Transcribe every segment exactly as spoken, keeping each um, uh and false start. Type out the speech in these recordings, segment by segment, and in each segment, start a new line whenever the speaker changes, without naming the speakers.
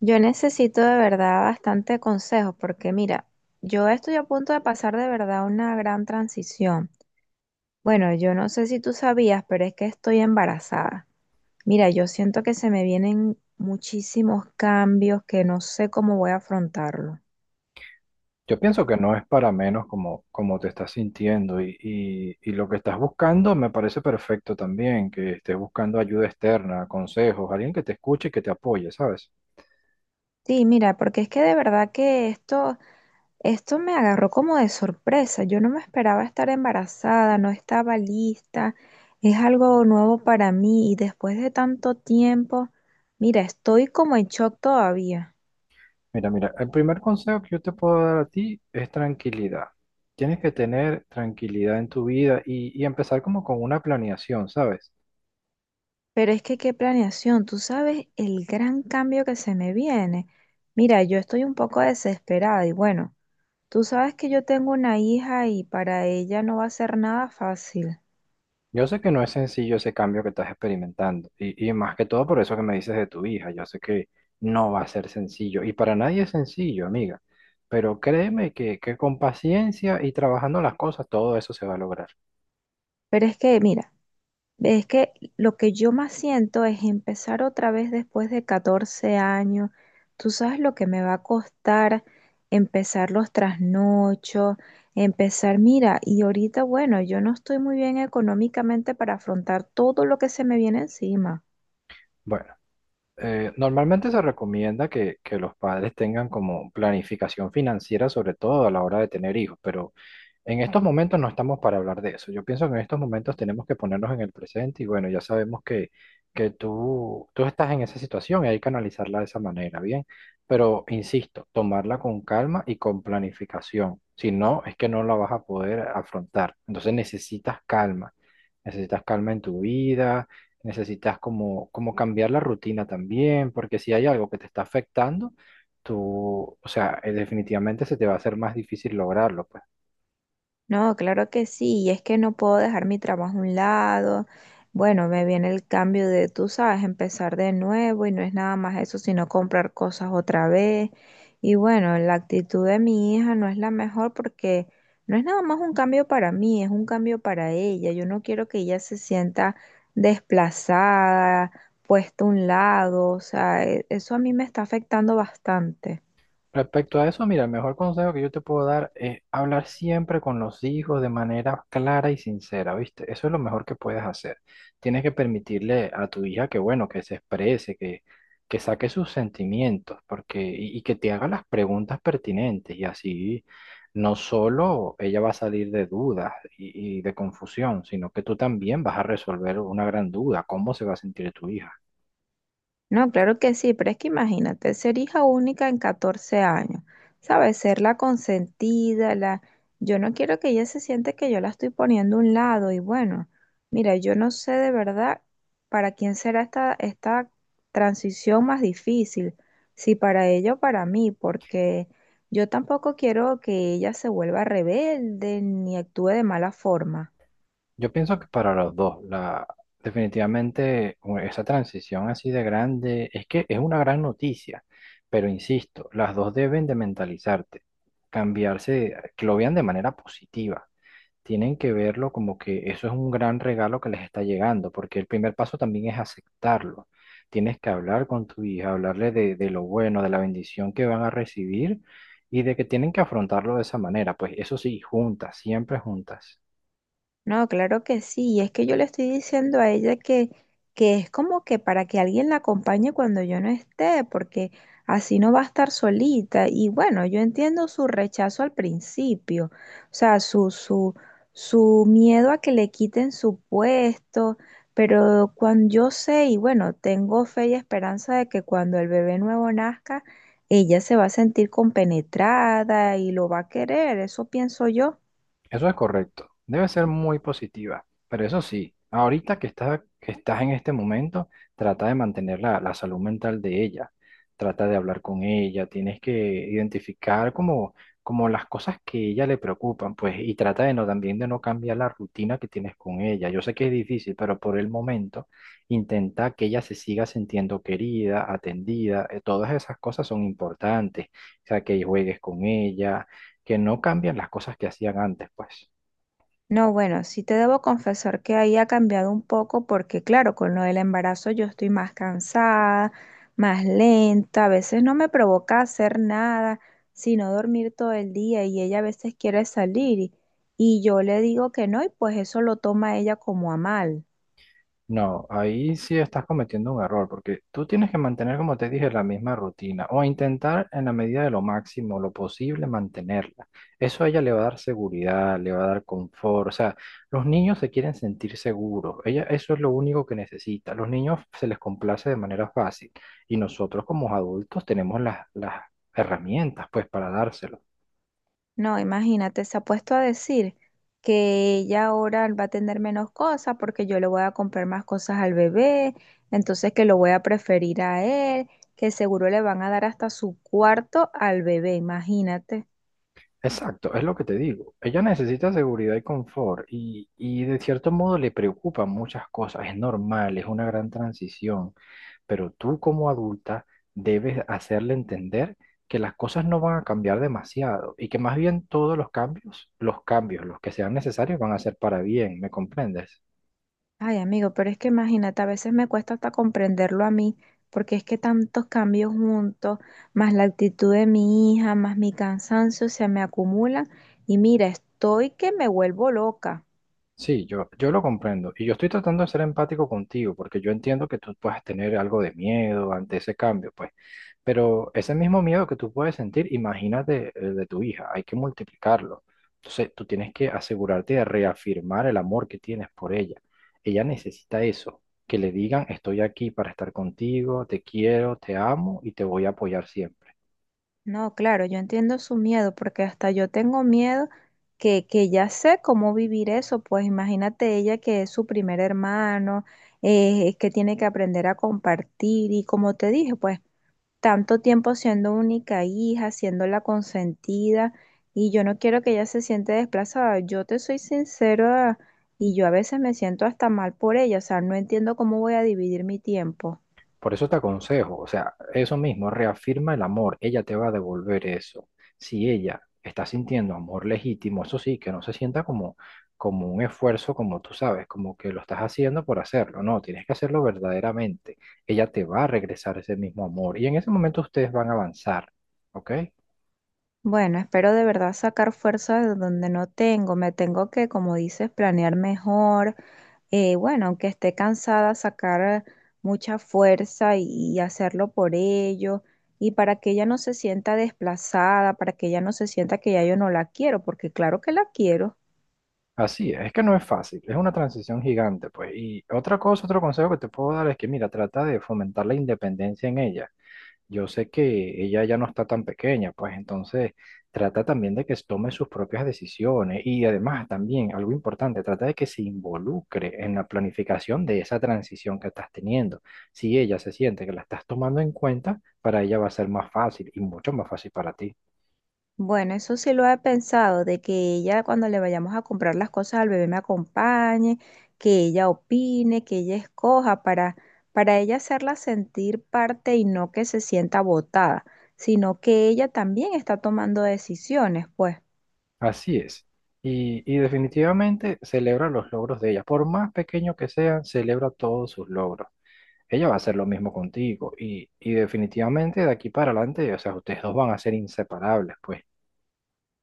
Yo necesito de verdad bastante consejo, porque mira, yo estoy a punto de pasar de verdad una gran transición. Bueno, yo no sé si tú sabías, pero es que estoy embarazada. Mira, yo siento que se me vienen muchísimos cambios que no sé cómo voy a afrontarlo.
Yo pienso que no es para menos como, como te estás sintiendo y, y- y lo que estás buscando me parece perfecto también, que estés buscando ayuda externa, consejos, alguien que te escuche y que te apoye, ¿sabes?
Sí, mira, porque es que de verdad que esto Esto me agarró como de sorpresa. Yo no me esperaba estar embarazada, no estaba lista. Es algo nuevo para mí y después de tanto tiempo, mira, estoy como en shock todavía.
Mira, mira, el primer consejo que yo te puedo dar a ti es tranquilidad. Tienes que tener tranquilidad en tu vida y, y empezar como con una planeación, ¿sabes?
Pero es que qué planeación, tú sabes el gran cambio que se me viene. Mira, yo estoy un poco desesperada y bueno, tú sabes que yo tengo una hija y para ella no va a ser nada fácil.
Yo sé que no es sencillo ese cambio que estás experimentando y, y más que todo por eso que me dices de tu hija, yo sé que no va a ser sencillo y para nadie es sencillo, amiga, pero créeme que, que con paciencia y trabajando las cosas todo eso se va a lograr.
Pero es que, mira, es que lo que yo más siento es empezar otra vez después de catorce años. Tú sabes lo que me va a costar empezar los trasnochos, empezar, mira, y ahorita, bueno, yo no estoy muy bien económicamente para afrontar todo lo que se me viene encima.
Bueno. Eh, normalmente se recomienda que, que los padres tengan como planificación financiera, sobre todo a la hora de tener hijos, pero en estos momentos no estamos para hablar de eso. Yo pienso que en estos momentos tenemos que ponernos en el presente y bueno, ya sabemos que, que tú, tú estás en esa situación y hay que analizarla de esa manera, ¿bien? Pero insisto, tomarla con calma y con planificación. Si no, es que no la vas a poder afrontar. Entonces necesitas calma. Necesitas calma en tu vida, necesitas como, como cambiar la rutina también, porque si hay algo que te está afectando, tú, o sea, eh, definitivamente se te va a hacer más difícil lograrlo, pues.
No, claro que sí, y es que no puedo dejar mi trabajo a un lado. Bueno, me viene el cambio de, tú sabes, empezar de nuevo, y no es nada más eso, sino comprar cosas otra vez. Y bueno, la actitud de mi hija no es la mejor, porque no es nada más un cambio para mí, es un cambio para ella. Yo no quiero que ella se sienta desplazada, puesta a un lado, o sea, e- eso a mí me está afectando bastante.
Respecto a eso, mira, el mejor consejo que yo te puedo dar es hablar siempre con los hijos de manera clara y sincera, ¿viste? Eso es lo mejor que puedes hacer. Tienes que permitirle a tu hija que, bueno, que se exprese, que, que saque sus sentimientos, porque, y, y que te haga las preguntas pertinentes, y así no solo ella va a salir de dudas y, y de confusión, sino que tú también vas a resolver una gran duda, cómo se va a sentir tu hija.
No, claro que sí, pero es que imagínate, ser hija única en catorce años, ¿sabes? Ser la consentida, la... Yo no quiero que ella se siente que yo la estoy poniendo a un lado y bueno, mira, yo no sé de verdad para quién será esta, esta transición más difícil, si para ella o para mí, porque yo tampoco quiero que ella se vuelva rebelde ni actúe de mala forma.
Yo pienso que para los dos, la, definitivamente u- esa transición así de grande es que es una gran noticia, pero insisto, las dos deben de mentalizarte, cambiarse, eh, que lo vean de manera positiva. Tienen que verlo como que eso es un gran regalo que les está llegando, porque el primer paso también es aceptarlo. Tienes que hablar con tu hija, hablarle de, de lo bueno, de la bendición que van a recibir y de que tienen que afrontarlo de esa manera. Pues eso sí, juntas, siempre juntas.
No, claro que sí. Y es que yo le estoy diciendo a ella que, que es como que para que alguien la acompañe cuando yo no esté, porque así no va a estar solita. Y bueno, yo entiendo su rechazo al principio, o sea, su, su, su miedo a que le quiten su puesto, pero cuando yo sé, y bueno, tengo fe y esperanza de que cuando el bebé nuevo nazca, ella se va a sentir compenetrada y lo va a querer, eso pienso yo.
Eso es correcto. Debe ser muy positiva. Pero eso sí, ahorita que estás, que estás en este momento, trata de mantener la, la salud mental de ella. Trata de hablar con ella. Tienes que identificar como, como las cosas que ella le preocupan, pues, y trata de no, también de no cambiar la rutina que tienes con ella. Yo sé que es difícil, pero por el momento intenta que ella se siga sintiendo querida, atendida. eh, Todas esas cosas son importantes. O sea, que juegues con ella que no cambian las cosas que hacían antes, pues.
No, bueno, sí te debo confesar que ahí ha cambiado un poco, porque claro, con lo del embarazo yo estoy más cansada, más lenta, a veces no me provoca hacer nada, sino dormir todo el día, y ella a veces quiere salir y y yo le digo que no, y pues eso lo toma ella como a mal.
No, ahí sí estás cometiendo un error, porque tú tienes que mantener, como te dije, la misma rutina o intentar en la medida de lo máximo, lo posible, mantenerla. Eso a ella le va a dar seguridad, le va a dar confort. O sea, los niños se quieren sentir seguros. Ella, eso es lo único que necesita. Los niños se les complace de manera fácil y nosotros como adultos tenemos las, las herramientas, pues, para dárselo.
No, imagínate, se ha puesto a decir que ella ahora va a tener menos cosas porque yo le voy a comprar más cosas al bebé, entonces que lo voy a preferir a él, que seguro le van a dar hasta su cuarto al bebé, imagínate.
Exacto, es lo que te digo. Ella necesita seguridad y confort y, y de cierto modo le preocupan muchas cosas. Es normal, es una gran transición, pero tú como adulta debes hacerle entender que las cosas no van a cambiar demasiado y que más bien todos los cambios, los cambios, los que sean necesarios van a ser para bien, ¿me comprendes?
Ay, amigo, pero es que imagínate, a veces me cuesta hasta comprenderlo a mí, porque es que tantos cambios juntos, más la actitud de mi hija, más mi cansancio, se me acumulan y mira, estoy que me vuelvo loca.
Sí, yo, yo lo comprendo. Y yo estoy tratando de ser empático contigo, porque yo entiendo que tú puedes tener algo de miedo ante ese cambio, pues. Pero ese mismo miedo que tú puedes sentir, imagínate el de tu hija, hay que multiplicarlo. Entonces, tú tienes que asegurarte de reafirmar el amor que tienes por ella. Ella necesita eso, que le digan, estoy aquí para estar contigo, te quiero, te amo y te voy a apoyar siempre.
No, claro, yo entiendo su miedo, porque hasta yo tengo miedo que, que ya sé cómo vivir eso, pues imagínate ella, que es su primer hermano, eh, que tiene que aprender a compartir y como te dije, pues tanto tiempo siendo única hija, siendo la consentida, y yo no quiero que ella se siente desplazada. Yo te soy sincera, y yo a veces me siento hasta mal por ella, o sea, no entiendo cómo voy a dividir mi tiempo.
Por eso te aconsejo, o sea, eso mismo, reafirma el amor, ella te va a devolver eso. Si ella está sintiendo amor legítimo, eso sí, que no se sienta como, como un esfuerzo, como tú sabes, como que lo estás haciendo por hacerlo, no, tienes que hacerlo verdaderamente. Ella te va a regresar ese mismo amor y en ese momento ustedes van a avanzar, ¿ok?
Bueno, espero de verdad sacar fuerza de donde no tengo. Me tengo que, como dices, planear mejor. Eh, bueno, aunque esté cansada, sacar mucha fuerza y y hacerlo por ello. Y para que ella no se sienta desplazada, para que ella no se sienta que ya yo no la quiero, porque claro que la quiero.
Así es, es que no es fácil, es una transición gigante, pues. Y otra cosa, otro consejo que te puedo dar es que, mira, trata de fomentar la independencia en ella. Yo sé que ella ya no está tan pequeña, pues entonces trata también de que tome sus propias decisiones y además también algo importante, trata de que se involucre en la planificación de esa transición que estás teniendo. Si ella se siente que la estás tomando en cuenta, para ella va a ser más fácil y mucho más fácil para ti.
Bueno, eso sí lo he pensado, de que ella cuando le vayamos a comprar las cosas al bebé me acompañe, que ella opine, que ella escoja, para, para ella hacerla sentir parte y no que se sienta botada, sino que ella también está tomando decisiones, pues.
Así es. Y, y definitivamente celebra los logros de ella. Por más pequeño que sean, celebra todos sus logros. Ella va a hacer lo mismo contigo y, y definitivamente de aquí para adelante, o sea, ustedes dos van a ser inseparables, pues.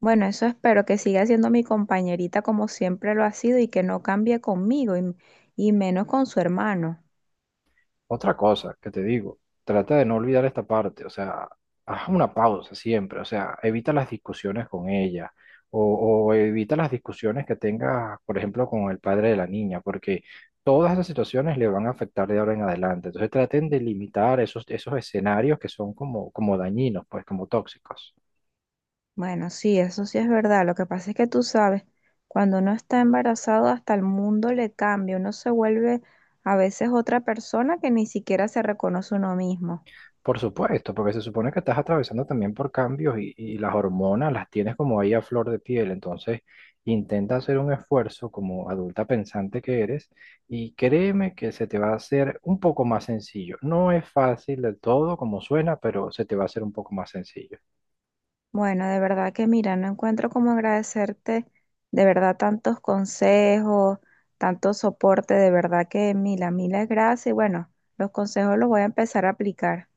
Bueno, eso espero, que siga siendo mi compañerita como siempre lo ha sido y que no cambie conmigo y y menos con su hermano.
Otra cosa que te digo, trata de no olvidar esta parte, o sea, haz una pausa siempre, o sea, evita las discusiones con ella o, o evita las discusiones que tengas, por ejemplo, con el padre de la niña, porque todas esas situaciones le van a afectar de ahora en adelante. Entonces traten de limitar esos, esos escenarios que son como, como dañinos, pues, como tóxicos.
Bueno, sí, eso sí es verdad. Lo que pasa es que tú sabes, cuando uno está embarazado, hasta el mundo le cambia. Uno se vuelve a veces otra persona que ni siquiera se reconoce uno mismo.
Por supuesto, porque se supone que estás atravesando también por cambios y, y las hormonas las tienes como ahí a flor de piel. Entonces, intenta hacer un esfuerzo como adulta pensante que eres y créeme que se te va a hacer un poco más sencillo. No es fácil del todo como suena, pero se te va a hacer un poco más sencillo.
Bueno, de verdad que mira, no encuentro cómo agradecerte de verdad tantos consejos, tanto soporte. De verdad que mil, a miles gracias. Y bueno, los consejos los voy a empezar a aplicar.